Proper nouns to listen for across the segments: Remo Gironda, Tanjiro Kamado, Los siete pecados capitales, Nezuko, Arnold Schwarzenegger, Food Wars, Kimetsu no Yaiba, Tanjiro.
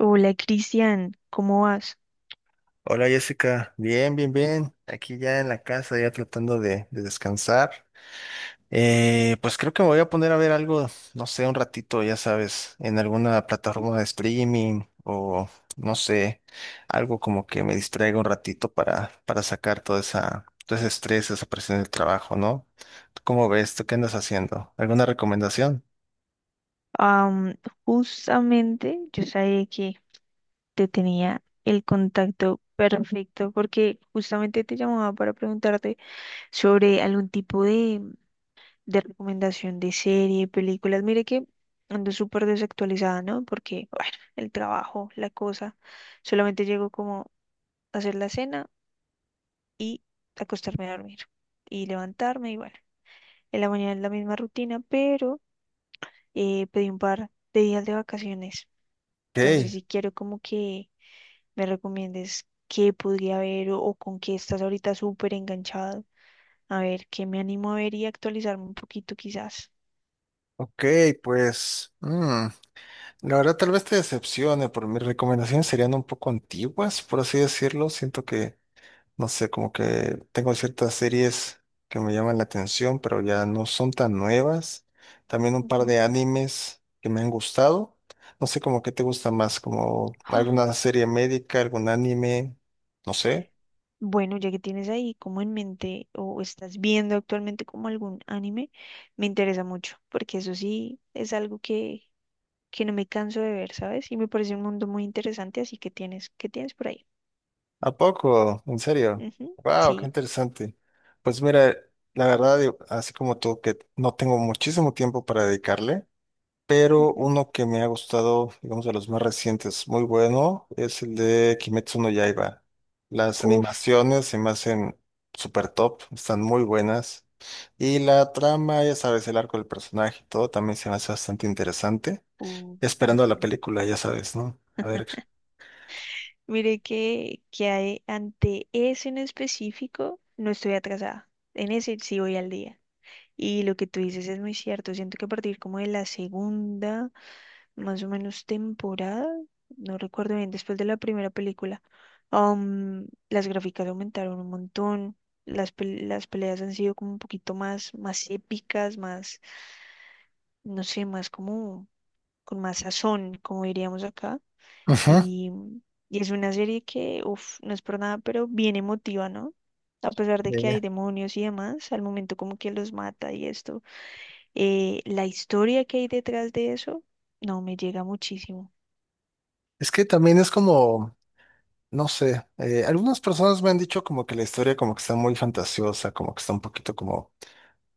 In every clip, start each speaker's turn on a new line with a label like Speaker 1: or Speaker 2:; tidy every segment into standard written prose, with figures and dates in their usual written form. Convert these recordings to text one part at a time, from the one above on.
Speaker 1: Hola Cristian, ¿cómo vas?
Speaker 2: Hola Jessica, bien, bien, bien. Aquí ya en la casa, ya tratando de descansar. Pues creo que me voy a poner a ver algo, no sé, un ratito, ya sabes, en alguna plataforma de streaming o no sé, algo como que me distraiga un ratito para sacar toda esa, todo ese estrés, esa presión del trabajo, ¿no? ¿Tú ¿Cómo ves? ¿Tú qué andas haciendo? ¿Alguna recomendación?
Speaker 1: Am, Justamente yo sabía que te tenía el contacto perfecto porque justamente te llamaba para preguntarte sobre algún tipo de recomendación de serie, películas. Mire que ando súper desactualizada, ¿no? Porque, bueno, el trabajo, la cosa, solamente llego como a hacer la cena y acostarme a dormir y levantarme y bueno, en la mañana es la misma rutina, pero pedí un par de días de vacaciones.
Speaker 2: Ok,
Speaker 1: Entonces, si quiero como que me recomiendes qué podría ver o con qué estás ahorita súper enganchado. A ver, qué me animo a ver y actualizarme un poquito quizás.
Speaker 2: ok, pues. La verdad, tal vez te decepcione, pero mis recomendaciones serían un poco antiguas, por así decirlo. Siento que, no sé, como que tengo ciertas series que me llaman la atención, pero ya no son tan nuevas. También un par
Speaker 1: Ujú.
Speaker 2: de animes que me han gustado. No sé, como qué te gusta más, como
Speaker 1: ¡Ah!
Speaker 2: alguna serie médica, algún anime, no sé.
Speaker 1: Bueno, ya que tienes ahí como en mente o estás viendo actualmente como algún anime, me interesa mucho, porque eso sí es algo que no me canso de ver, ¿sabes? Y me parece un mundo muy interesante, así que tienes, ¿qué tienes por ahí?
Speaker 2: ¿A poco? ¿En serio?
Speaker 1: Ujú,
Speaker 2: ¡Wow! ¡Qué
Speaker 1: sí.
Speaker 2: interesante! Pues mira, la verdad, así como tú, que no tengo muchísimo tiempo para dedicarle. Pero
Speaker 1: Ujú.
Speaker 2: uno que me ha gustado, digamos, de los más recientes, muy bueno, es el de Kimetsu no Yaiba. Las
Speaker 1: Uf.
Speaker 2: animaciones se me hacen súper top, están muy buenas. Y la trama, ya sabes, el arco del personaje y todo también se me hace bastante interesante.
Speaker 1: Uh,
Speaker 2: Esperando a
Speaker 1: ujú.
Speaker 2: la película, ya sabes, ¿no? A ver.
Speaker 1: Mire que, ante ese en específico no estoy atrasada. En ese sí voy al día. Y lo que tú dices es muy cierto. Siento que a partir como de la segunda, más o menos temporada, no recuerdo bien, después de la primera película, las gráficas aumentaron un montón. Las peleas han sido como un poquito más, más épicas, más, no sé, más como con más sazón, como diríamos acá.
Speaker 2: Ujú,
Speaker 1: Y, y es una serie que, uff, no es por nada, pero bien emotiva, ¿no? A pesar de que hay
Speaker 2: dime.
Speaker 1: demonios y demás, al momento como que los mata y esto, la historia que hay detrás de eso, no, me llega muchísimo.
Speaker 2: Es que también es como, no sé, algunas personas me han dicho como que la historia como que está muy fantasiosa, como que está un poquito como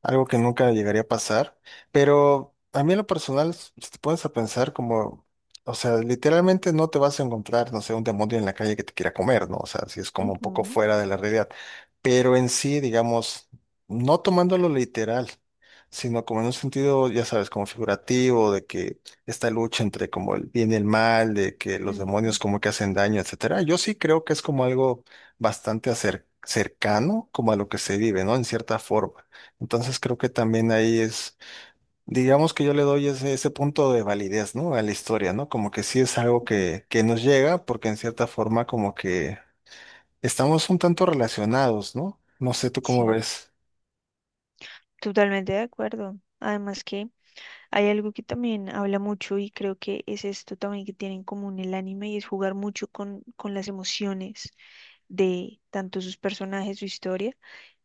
Speaker 2: algo que nunca llegaría a pasar, pero a mí en lo personal, si te pones a pensar como, o sea, literalmente no te vas a encontrar, no sé, un demonio en la calle que te quiera comer, ¿no? O sea, si es como un poco fuera de la realidad, pero en sí, digamos, no tomándolo literal, sino como en un sentido, ya sabes, como figurativo, de que esta lucha entre como el bien y el mal, de que los
Speaker 1: Ujú,
Speaker 2: demonios
Speaker 1: ujú,
Speaker 2: como que hacen daño, etcétera, yo sí creo que es como algo bastante cercano como a lo que se vive, ¿no? En cierta forma. Entonces creo que también ahí es, digamos que yo le doy ese punto de validez, ¿no? A la historia, ¿no? Como que sí es algo que nos llega, porque en cierta forma como que estamos un tanto relacionados, ¿no? No sé tú cómo
Speaker 1: sí,
Speaker 2: ves.
Speaker 1: totalmente de acuerdo. Además que hay algo que también habla mucho y creo que es esto también que tiene en común el anime y es jugar mucho con las emociones de tanto sus personajes, su historia.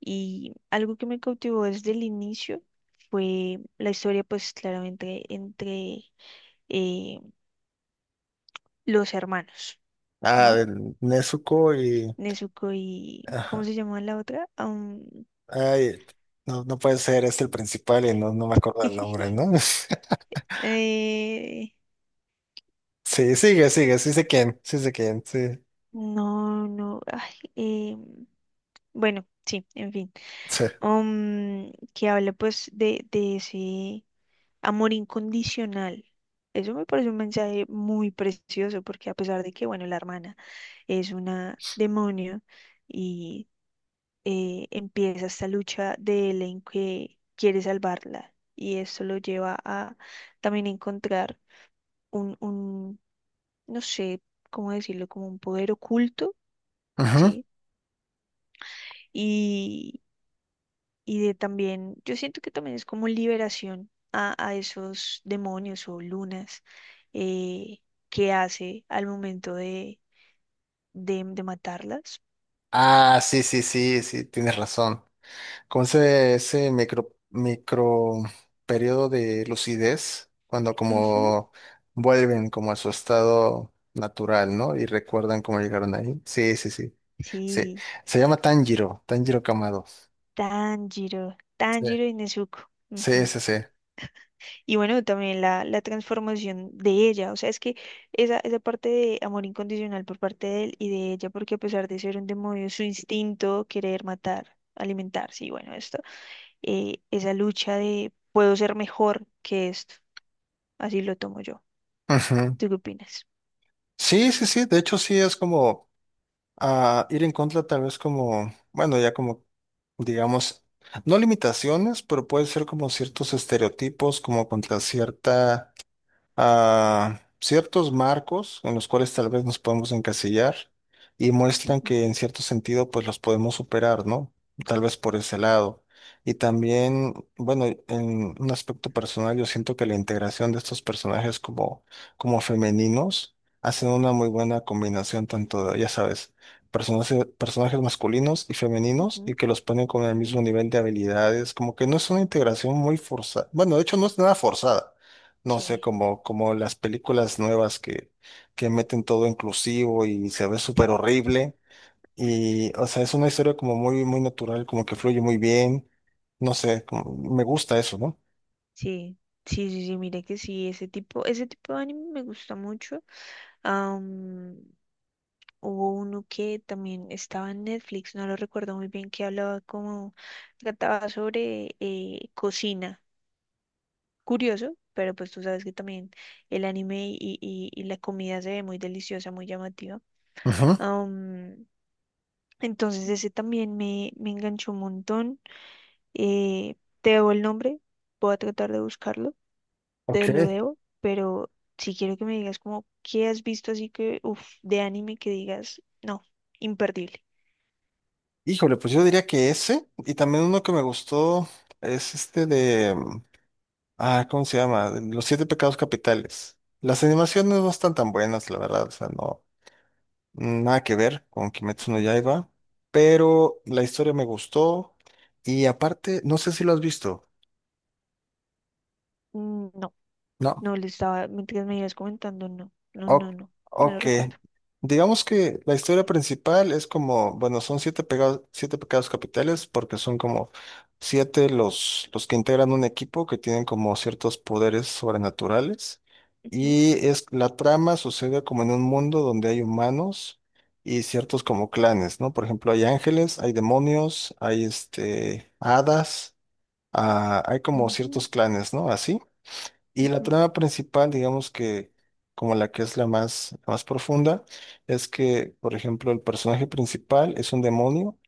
Speaker 1: Y algo que me cautivó desde el inicio fue la historia, pues claramente entre eh, los hermanos,
Speaker 2: Ah,
Speaker 1: ¿no?
Speaker 2: del Nezuko y...
Speaker 1: Nezuko y... ¿Cómo
Speaker 2: Ajá.
Speaker 1: se llama la otra?
Speaker 2: Ay, no, no puede ser, es el principal y no, no me acuerdo el nombre, ¿no?
Speaker 1: Eh,
Speaker 2: Sí, sigue, sigue, sí sé quién, sí sé quién, sí.
Speaker 1: no, no. Ay, em, bueno, sí, en fin.
Speaker 2: Sí.
Speaker 1: Que habla pues de ese amor incondicional. Eso me parece un mensaje muy precioso porque a pesar de que, bueno, la hermana es una demonio y empieza esta lucha de él en que quiere salvarla y esto lo lleva a también encontrar un no sé cómo decirlo, como un poder oculto,
Speaker 2: Ujú.
Speaker 1: ¿sí? Y de también, yo siento que también es como liberación a esos demonios o lunas eh, que hace al momento de matarlas.
Speaker 2: Ah, sí, sí, sí, sí, tienes razón. Con ese micro, micro periodo de lucidez, cuando
Speaker 1: Ujú,
Speaker 2: como vuelven como a su estado natural, ¿no? Y recuerdan cómo llegaron ahí. Sí, sí, sí. Sí.
Speaker 1: sí,
Speaker 2: Se llama Tanjiro, Tanjiro Kamado.
Speaker 1: Tanjiro,
Speaker 2: Sí,
Speaker 1: Tanjiro y Nezuko.
Speaker 2: sí,
Speaker 1: Ujú.
Speaker 2: sí. Sí,
Speaker 1: Y bueno, también la transformación de ella, o sea, es que esa parte de amor incondicional por parte de él y de ella, porque a pesar de ser un demonio, su instinto, querer matar, alimentarse, y bueno, es esa lucha de puedo ser mejor que esto. Así lo tomo yo.
Speaker 2: ujú.
Speaker 1: ¿Tú qué opinas?
Speaker 2: Sí, sí. Sí, de hecho, sí es como, ir en contra, tal vez como, bueno, ya como, digamos, no limitaciones, pero puede ser como ciertos estereotipos, como contra cierta a ciertos marcos en los cuales tal vez nos podemos encasillar y muestran
Speaker 1: Ujú,
Speaker 2: que en cierto sentido pues los podemos superar, ¿no? Tal vez por ese lado. Y también, bueno, en un aspecto personal yo siento que la integración de estos personajes como, como femeninos hacen una muy buena combinación tanto de, ya sabes, personajes, personajes masculinos y femeninos y
Speaker 1: ujú,
Speaker 2: que los ponen con el
Speaker 1: ujú.
Speaker 2: mismo nivel de habilidades, como que no es una integración muy forzada. Bueno, de hecho no es nada forzada. No sé,
Speaker 1: Sí,
Speaker 2: como las películas nuevas que, meten todo inclusivo y se ve súper horrible. Y, o sea, es una historia como muy, muy natural, como que fluye muy bien. No sé, me gusta eso, ¿no?
Speaker 1: sí, sí, sí, sí, mire que sí, ese tipo de anime me gusta mucho. Am, Hubo uno que también estaba en Netflix, no lo recuerdo muy bien, que hablaba como, trataba sobre cocina. Curioso, pero pues tú sabes que también el anime y la comida se ve muy deliciosa, muy llamativa.
Speaker 2: Ajá.
Speaker 1: Entonces ese también me enganchó un montón. Eh, Te debo el nombre, voy a tratar de buscarlo, te
Speaker 2: Ok.
Speaker 1: lo debo, pero si quiero que me digas como qué has visto así que, uff, de anime que digas, no, imperdible.
Speaker 2: Híjole, pues yo diría que ese, y también uno que me gustó es este de, ¿cómo se llama? Los siete pecados capitales. Las animaciones no están tan buenas, la verdad, o sea, no. Nada que ver con Kimetsu no Yaiba, pero la historia me gustó y aparte, no sé si lo has visto.
Speaker 1: Mm, no,
Speaker 2: No.
Speaker 1: no le estaba, mientras me ibas comentando, no, no,
Speaker 2: O-
Speaker 1: no, no, no lo
Speaker 2: ok.
Speaker 1: recuerdo.
Speaker 2: Digamos que la historia principal es como, bueno, son siete pecados capitales, porque son como siete los que integran un equipo que tienen como ciertos poderes sobrenaturales.
Speaker 1: Ujú,
Speaker 2: Y es la trama sucede como en un mundo donde hay humanos y ciertos como clanes, ¿no? Por ejemplo, hay ángeles, hay demonios, hay este hadas, ah, hay como
Speaker 1: ujú,
Speaker 2: ciertos clanes, ¿no? Así. Y la
Speaker 1: ujú,
Speaker 2: trama principal, digamos que como la que es la más profunda, es que, por ejemplo, el personaje principal es un demonio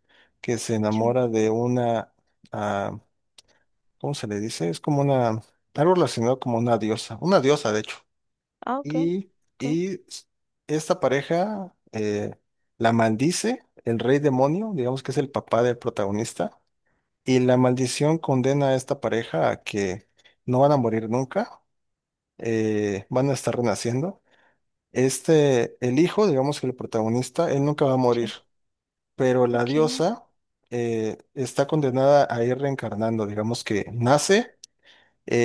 Speaker 2: que se
Speaker 1: sí.
Speaker 2: enamora de una, ah, ¿cómo se le dice? Es como una, algo relacionado como una diosa de hecho.
Speaker 1: Ah, ok,
Speaker 2: Y,
Speaker 1: ok,
Speaker 2: y esta pareja la maldice el rey demonio, digamos que es el papá del protagonista, y la maldición condena a esta pareja a que no van a morir nunca, van a estar renaciendo. Este, el hijo, digamos que el protagonista, él nunca va a morir,
Speaker 1: sí,
Speaker 2: pero la
Speaker 1: ok.
Speaker 2: diosa está condenada a ir reencarnando, digamos que
Speaker 1: Ah,
Speaker 2: nace,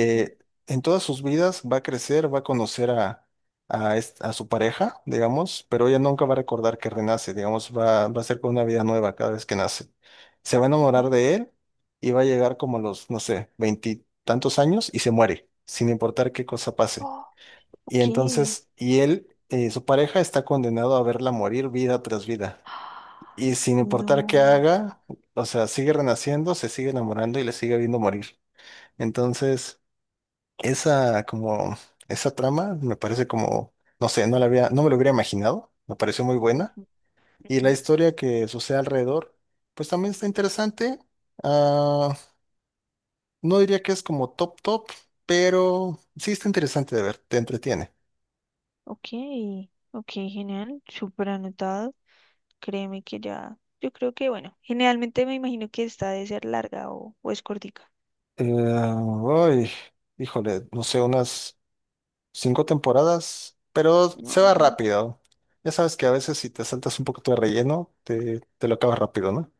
Speaker 1: ujú,
Speaker 2: en todas sus vidas va a crecer, va a conocer a su pareja, digamos, pero ella nunca va a recordar que renace, digamos, va a ser con una vida nueva cada vez que nace. Se va a
Speaker 1: ok.
Speaker 2: enamorar de él y va a llegar como a los, no sé, veintitantos años y se muere, sin importar qué cosa pase.
Speaker 1: Ah,
Speaker 2: Y
Speaker 1: ok.
Speaker 2: entonces, y él, su pareja está condenado a verla morir vida tras vida.
Speaker 1: Ah,
Speaker 2: Y sin importar qué
Speaker 1: no.
Speaker 2: haga, o sea, sigue renaciendo, se sigue enamorando y le sigue viendo morir. Entonces, esa como, esa trama me parece como, no sé, no la había, no me lo hubiera imaginado, me pareció muy buena.
Speaker 1: Ujú,
Speaker 2: Y
Speaker 1: ujú.
Speaker 2: la historia que sucede alrededor, pues también está interesante. Ah, no diría que es como top top, pero sí está interesante de ver, te entretiene.
Speaker 1: Ok, ok, genial, súper anotado. Créeme que ya, yo creo que, bueno, generalmente me imagino que esta debe ser larga o es cortica.
Speaker 2: Eh, Uy, híjole, no sé, unas cinco temporadas, pero
Speaker 1: No,
Speaker 2: se va
Speaker 1: ok.
Speaker 2: rápido. Ya sabes que a veces si te saltas un poquito de relleno, te lo acabas rápido, ¿no?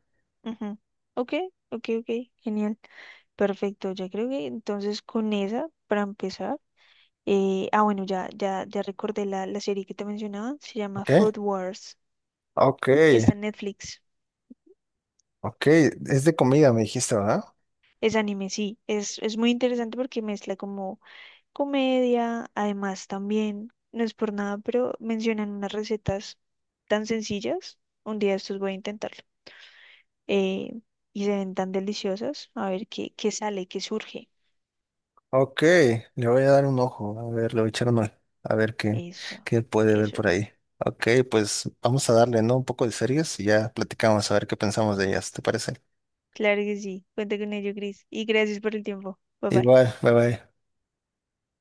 Speaker 1: Ujú. Ok, ok, ok, genial, perfecto. Ya creo que entonces con esa, para empezar, bueno, ya, ya, ya recordé la serie que te mencionaba, se llama
Speaker 2: Ok,
Speaker 1: Food Wars,
Speaker 2: ok,
Speaker 1: está en Netflix,
Speaker 2: ok. Es de comida, me dijiste, ¿verdad?
Speaker 1: es anime, sí, es muy interesante porque mezcla como comedia, además también, no es por nada, pero mencionan unas recetas tan sencillas. Un día de estos voy a intentarlo. eh, y se ven tan deliciosas. A ver qué, qué sale, qué surge.
Speaker 2: Ok, le voy a dar un ojo. A ver, le voy a echar un ojo. A ver qué,
Speaker 1: Eso,
Speaker 2: qué puede ver
Speaker 1: eso.
Speaker 2: por ahí. Ok, pues vamos a darle, ¿no? Un poco de series y ya platicamos a ver qué pensamos de ellas, ¿te parece?
Speaker 1: Claro que sí. Cuenta con ello, Cris. Y gracias por el tiempo. Bye bye.
Speaker 2: Igual, bye bye.